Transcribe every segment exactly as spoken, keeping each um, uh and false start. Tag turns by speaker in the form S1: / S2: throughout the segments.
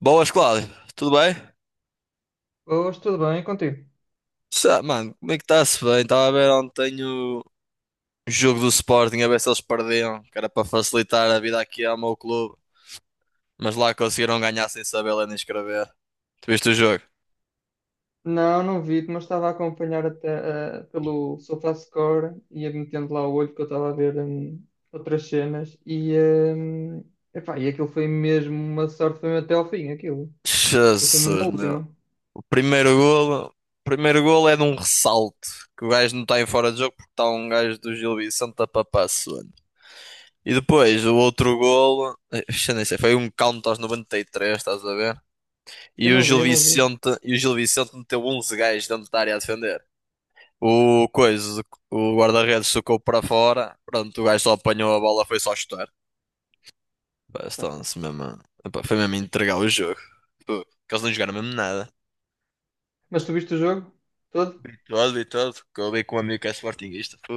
S1: Boas, Cláudio. Tudo bem?
S2: Hoje tudo bem contigo?
S1: Sa- Mano, como é que está-se bem? Estava a ver ontem o jogo do Sporting, a ver se eles perdiam, que era para facilitar a vida aqui ao meu clube. Mas lá conseguiram ganhar sem saber ler nem escrever. Tu viste o jogo?
S2: Não, não vi, mas estava a acompanhar até, eh, pelo SofaScore e ia metendo lá o olho que eu estava a ver hum, outras cenas e, hum, epá, e aquilo foi mesmo uma sorte, foi mesmo até ao fim, aquilo. Aquilo foi
S1: Jesus,
S2: mesmo na
S1: meu.
S2: última.
S1: O primeiro golo, o primeiro golo é de um ressalto, que o gajo não está em fora de jogo porque está um gajo do Gil Vicente a papar suando. E depois, o outro golo, eh, já nem sei, foi um count aos noventa e três, estás a ver? E
S2: Eu
S1: o
S2: não vi,
S1: Gil
S2: eu não vi.
S1: Vicente, e o Gil Vicente meteu onze gajos dentro da área a defender. O coisa, o guarda-redes socou para fora. Pronto, o gajo só apanhou a bola, foi só chutar. Pá,
S2: Pá.
S1: estão-se mesmo. a- Epá, foi mesmo a entregar o jogo. Pô, que eles não jogaram mesmo nada.
S2: Mas tu viste o jogo todo?
S1: E todo e tudo que eu vi com um amigo que é sportinguista. Pô,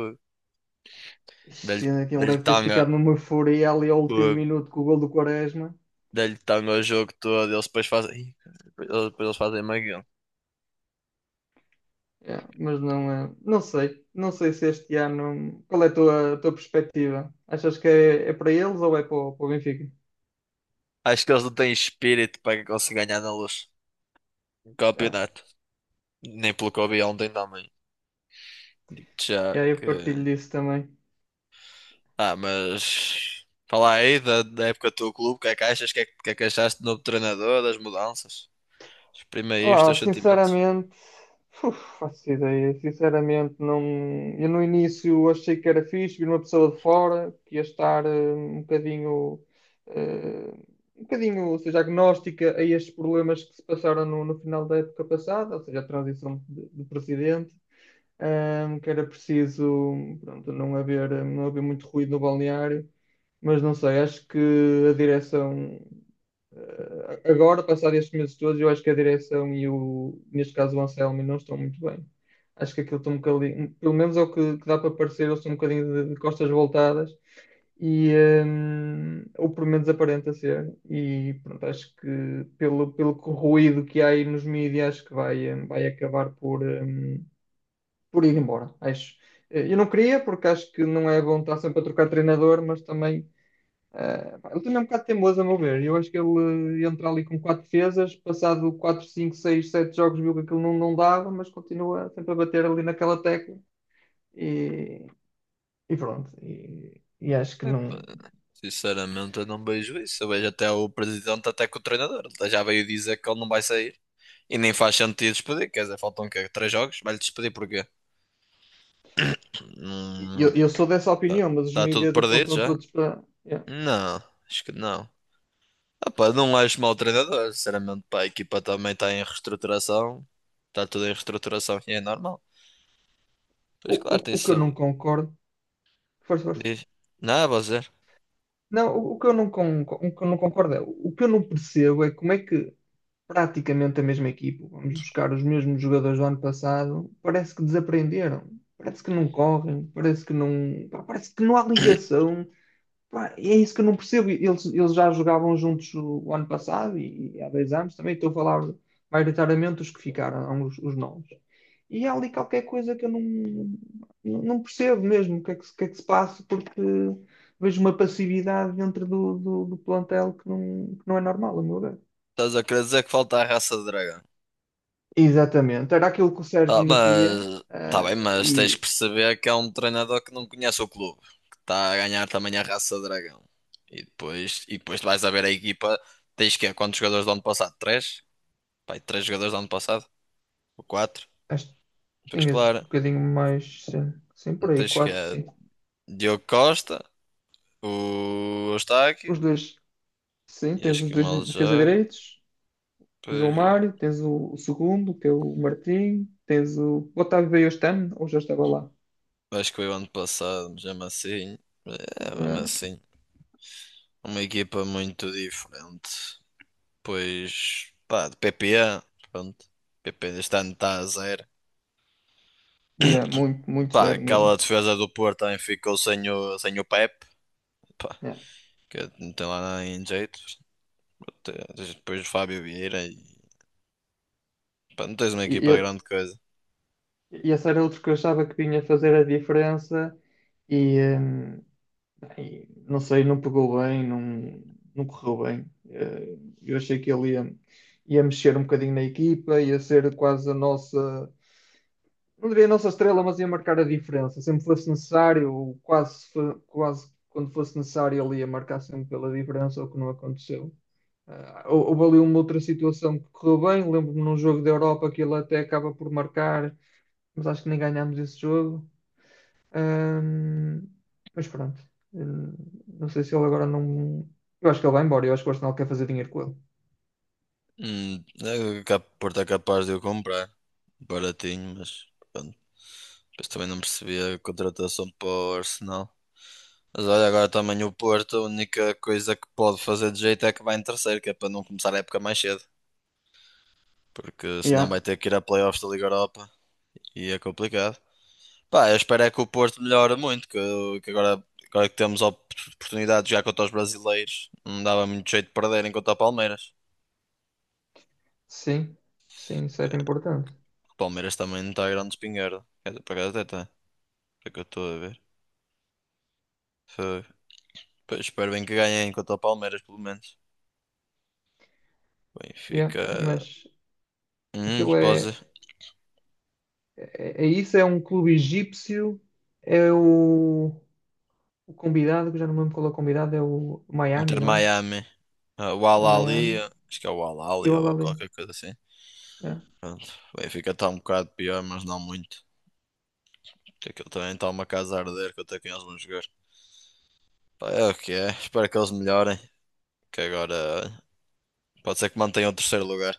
S1: dei-lhe
S2: Ixi, aquilo
S1: dei-lhe
S2: deve ter
S1: tanga.
S2: ficado numa euforia ali ao último
S1: Pô,
S2: minuto com o gol do Quaresma.
S1: dei-lhe tanga o jogo todo. Eles depois fazem. Ih, Eles, depois eles fazem maguinho.
S2: Yeah, mas não, é- não sei, não sei se este ano. Qual é a tua, a tua perspectiva? Achas que é, é para eles ou é para, o para o Benfica?
S1: Acho que eles não têm espírito para conseguir ganhar na luz. Um
S2: Yeah.
S1: campeonato. Nem pelo que eu vi ontem também. Digo-te já
S2: E aí eu partilho
S1: que.
S2: disso também.
S1: Ah, mas. Fala aí da, da época do teu clube, o que é que achas? O que é que, o que é que achaste do novo treinador, das mudanças? Exprime aí os
S2: Ah,
S1: teus sentimentos.
S2: sinceramente, uf, faço ideia. Sinceramente, não. Eu no início achei que era fixe vir uma pessoa de fora que ia estar eh, um bocadinho, eh, um bocadinho, ou seja, agnóstica a estes problemas que se passaram no, no final da época passada, ou seja, a transição de de presidente. Ahm, que era preciso, pronto, não haver, não haver muito ruído no balneário, mas não sei, acho que a direção, ah, agora, passado estes meses todos, eu acho que a direção e o, neste caso, o Anselmo não estão muito bem. Acho que aquilo está um bocadinho, pelo menos é o que, que dá para parecer, eles estão um bocadinho de de costas voltadas e hum, ou pelo menos aparenta ser e pronto, acho que pelo, pelo ruído que há aí nos mídias acho que vai, hum, vai acabar por, hum, por ir embora, acho. Eh, Eu não queria, porque acho que não é bom estar sempre a trocar de treinador, mas também eh, pá, ele também é um bocado teimoso, a meu ver. Eu acho que ele entra ali com quatro defesas, passado quatro cinco seis sete jogos, viu que aquilo não, não dava, mas continua sempre a bater ali naquela tecla e, e pronto. E, e acho que não.
S1: Sinceramente, eu não vejo isso. Eu vejo até o presidente, até que o treinador. Ele já veio dizer que ele não vai sair. E nem faz sentido despedir. Quer dizer, faltam o quê? Três jogos? Vai-lhe despedir porquê?
S2: e
S1: Hum,
S2: Eu, eu sou dessa
S1: tá,
S2: opinião, mas os
S1: tá tudo
S2: mídias
S1: perdido
S2: apontam
S1: já?
S2: todos para. Yeah.
S1: Não, acho que não. Ah, pá, não acho mau treinador, sinceramente, pá, a equipa também está em reestruturação, está tudo em reestruturação e é normal.
S2: O,
S1: Pois
S2: o,
S1: claro, tem
S2: o que
S1: isso.
S2: eu não concordo. Força, força.
S1: Diz. Não, você.
S2: Não, o, o que eu não con- o que eu não concordo é, o que eu não percebo é como é que praticamente a mesma equipa, vamos buscar os mesmos jogadores do ano passado, parece que desaprenderam, parece que não correm, parece que não, pá, parece que não há ligação. Pá, é isso que eu não percebo. Eles, eles já jogavam juntos o ano passado e, e há dois anos também. Estou a falar maioritariamente os que ficaram, os, os novos. E há ali qualquer coisa que eu não, não percebo mesmo o que é que, se- o que é que se passa, porque vejo uma passividade dentro do, do, do plantel que não, que não é normal, a meu ver.
S1: Estás a querer dizer que falta a raça de dragão.
S2: Exatamente, era aquilo que o
S1: Ah,
S2: Sérgio metia,
S1: mas. Tá bem,
S2: eh,
S1: mas tens que
S2: e
S1: perceber que é um treinador que não conhece o clube, que está a ganhar também a raça de dragão. E depois, e depois vais a ver a equipa, tens que é quantos jogadores do ano passado? Três? Pai, três jogadores do ano passado? Ou quatro?
S2: acho que
S1: Pois
S2: tinhas
S1: claro,
S2: um bocadinho mais, sim, sim, por aí,
S1: tens que
S2: quatro,
S1: é
S2: sim.
S1: Diogo Costa. O
S2: Os
S1: Eustáquio,
S2: dois, sim,
S1: e
S2: tens
S1: acho
S2: os
S1: que
S2: dois de
S1: mal
S2: defesa
S1: joga.
S2: direitos, o João
S1: Pois,
S2: Mário, tens o, o segundo, que é o Martim, tens o, o Otávio veio este ano, ou já estava lá.
S1: acho que foi o ano passado, mas mesmo assim. É, mesmo
S2: É,
S1: assim. Uma equipa muito diferente. Pois, pá, de P P A, pronto. P P este ano está a zero.
S2: e é muito, muito
S1: Pá,
S2: zero mesmo.
S1: aquela defesa do Porto também ficou sem o, sem o Pepe, pá,
S2: É.
S1: que não tem lá nada em jeito. Te- tens depois o Fábio Vieira e, pá, não tens uma
S2: E,
S1: equipa
S2: e,
S1: grande coisa.
S2: e esse era outro que eu achava que vinha fazer a diferença e, eh, E, não sei, não pegou bem, não, não correu bem. Eh, Eu achei que ele ia, ia mexer um bocadinho na equipa, ia ser quase a nossa, não diria a nossa estrela, mas ia marcar a diferença. Sempre fosse necessário, ou quase, fo- quase quando fosse necessário, ele ia marcar sempre pela diferença, o que não aconteceu. Eh, hou- houve ali uma outra situação que correu bem. Lembro-me num jogo da Europa que ele até acaba por marcar, mas acho que nem ganhámos esse jogo. Ahm, mas pronto. Hum, não sei se ele agora não. Eu acho que ele vai embora, eu acho que o Arsenal quer fazer dinheiro com ele.
S1: Hum, é que o Porto é capaz de eu comprar. Baratinho, mas depois também não percebi a contratação para o Arsenal. Mas olha, agora também o Porto, a única coisa que pode fazer de jeito é que vai em terceiro, que é para não começar a época mais cedo. Porque senão
S2: Yeah.
S1: vai ter que ir a playoffs da Liga Europa e é complicado. Pá, eu espero é que o Porto melhore muito, que, que agora, agora que temos a op- oportunidade de jogar contra os brasileiros, não dava muito jeito de perderem contra o Palmeiras.
S2: Sim, sim, isso
S1: Que
S2: era importante.
S1: o Palmeiras também não está grande espingarda. Quer dizer, por acaso até está, é que eu estou a ver. Foi. Pois, espero bem que ganhem contra o Palmeiras, pelo menos.
S2: Yeah,
S1: Benfica.
S2: mas
S1: Hum,
S2: aquilo
S1: pode.
S2: é, é, é isso, é um clube egípcio, é o, o convidado, que eu já não me lembro qual é o convidado, é o Miami,
S1: Inter
S2: não é?
S1: Miami. Ah, o Al
S2: É Miami
S1: Ahly, acho que é o Al
S2: e
S1: Ahly
S2: o Al
S1: ou
S2: Ahly.
S1: qualquer coisa assim.
S2: Yeah.
S1: Pronto. O Benfica está um bocado pior, mas não muito. Porque aquilo também está uma casa a arder que eu até quem eles vão jogar. Pá, é o que é. Espero que eles melhorem. Que agora olha, pode ser que mantenham o terceiro lugar.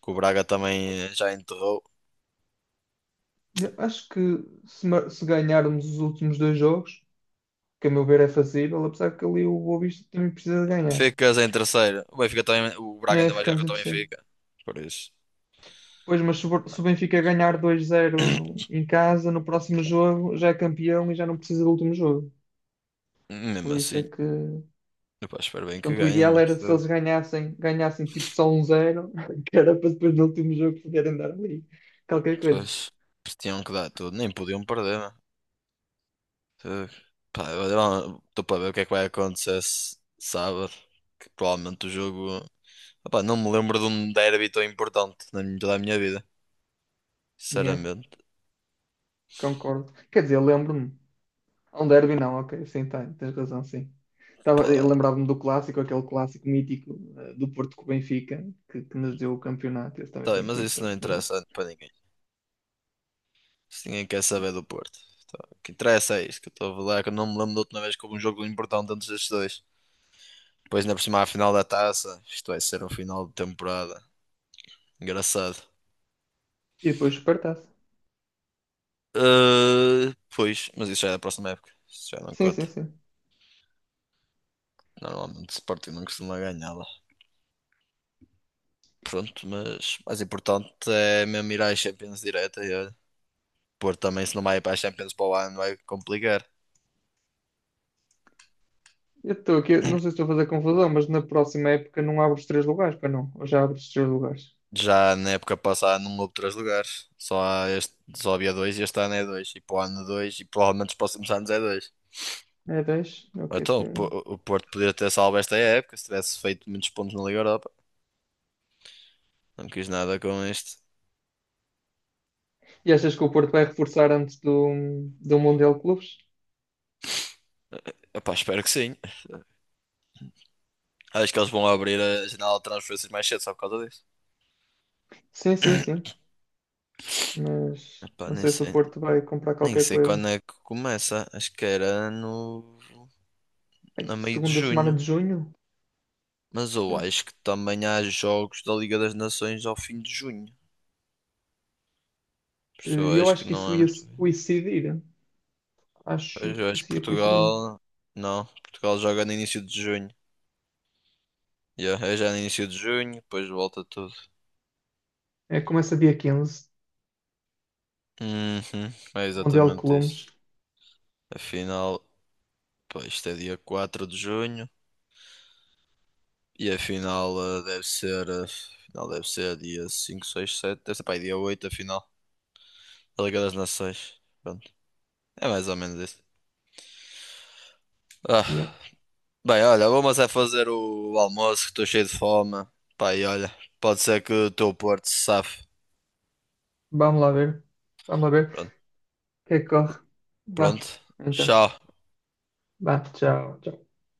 S1: Que o Braga também eh, já enterrou.
S2: Eu Acho que se, ma- se ganharmos os últimos dois jogos, que a meu ver é fazível, apesar que ali o Boa Vista também precisa de ganhar.
S1: Ficas em terceiro. O Benfica também. O Braga
S2: É,
S1: ainda vai jogar
S2: ficamos em
S1: contra o
S2: terceiro.
S1: Benfica. Por isso.
S2: Pois, mas se o se o Benfica ganhar dois a zero no- em casa, no próximo jogo já é campeão e já não precisa do último jogo. Por
S1: Mesmo
S2: isso é
S1: assim.
S2: que.
S1: Epá, espero bem que
S2: Portanto, o
S1: ganhem,
S2: ideal era
S1: mas
S2: se
S1: eh,
S2: eles ganhassem, ganhassem tipo só um zero que era para depois no último jogo poderem dar ali qualquer coisa.
S1: pois, eles tinham que dar tudo, nem podiam perder, mano. Fogo. Pá, eu estou para ver o que é que vai acontecer se- sábado. Que provavelmente o jogo. Opá, não me lembro de um derby tão importante na minha- toda a minha vida.
S2: Yeah,
S1: Sinceramente.
S2: concordo. Quer dizer, lembro-me. Um derby não, ok, sim, tá, tens razão, sim. Tava,
S1: Pá,
S2: eu lembrava-me do clássico, aquele clássico mítico eh, do Porto com o Benfica, que, que nos deu o campeonato, esse também
S1: tá
S2: foi
S1: bem, mas
S2: muito
S1: isso não
S2: importante. Mas...
S1: interessa para ninguém. Se ninguém quer saber do Porto. Tá, o que interessa é isto que eu estou a falar, é que eu não me lembro da última vez que houve um jogo importante entre estes dois. Depois, na próxima a final da taça, isto vai ser um final de temporada. Engraçado.
S2: E depois o Supertaça.
S1: Ah, pois, mas isso já é da próxima época. Isso já não
S2: Sim, sim,
S1: conta.
S2: sim.
S1: Normalmente o Sporting não costuma ganhar lá. Pronto, mas mais importante é mesmo ir à Champions direta e olha, Porto também se não vai ir para a Champions para o ano vai complicar.
S2: Eu estou aqui, não sei se estou a fazer confusão, mas na próxima época não abro os três lugares, pois não? Ou já abro os três lugares?
S1: Já na época passada não houve três lugares, só, há este, só havia dois e este ano é dois, e para o ano dois, e provavelmente os próximos anos é dois.
S2: É dez, ok,
S1: Então, o Po-
S2: tem.
S1: o Porto poderia ter salvo esta época se tivesse feito muitos pontos na Liga Europa. Não quis nada com isto.
S2: E achas que o Porto vai reforçar antes do, do Mundial de Clubes?
S1: Epá, espero que sim. Acho que eles vão abrir a janela de transferências mais cedo só por causa disso.
S2: Sim, sim, sim. Mas
S1: Epá,
S2: não
S1: nem
S2: sei se o
S1: sei,
S2: Porto vai comprar
S1: nem
S2: qualquer
S1: sei
S2: coisa.
S1: quando é que começa. Acho que era no.
S2: Bem,
S1: Na meio de
S2: segunda semana
S1: junho.
S2: de junho?
S1: Mas eu
S2: É.
S1: acho que também há jogos da Liga das Nações ao fim de junho. Por isso eu
S2: E eu
S1: acho
S2: acho
S1: que
S2: que
S1: não
S2: isso
S1: é
S2: ia
S1: muito.
S2: se coincidir. Acho
S1: Pois eu
S2: que
S1: acho que
S2: isso ia coincidir.
S1: Portugal. Não, Portugal joga no início de junho. Yeah, é já no início de junho, depois volta tudo.
S2: É, começa dia quinze
S1: Uhum, é
S2: o Mundial de
S1: exatamente
S2: Clubes.
S1: isso. A final, pá, isto é dia quatro de junho. E a final eh, deve ser. eh, a final deve ser dia cinco, seis, sete, deve ser, pá, dia oito a final. Da Liga das Nações. Pronto. É mais ou menos isso.
S2: Yeah.
S1: Ah, bem, olha, vamos é fazer o almoço, que estou cheio de fome. Pá, e olha, pode ser que o teu Porto se safe.
S2: Vamos lá ver. Vamos lá ver.
S1: Pronto,
S2: O que é que corre? Vá.
S1: pronto.
S2: Então.
S1: Tchau.
S2: Bah, tchau. Tchau.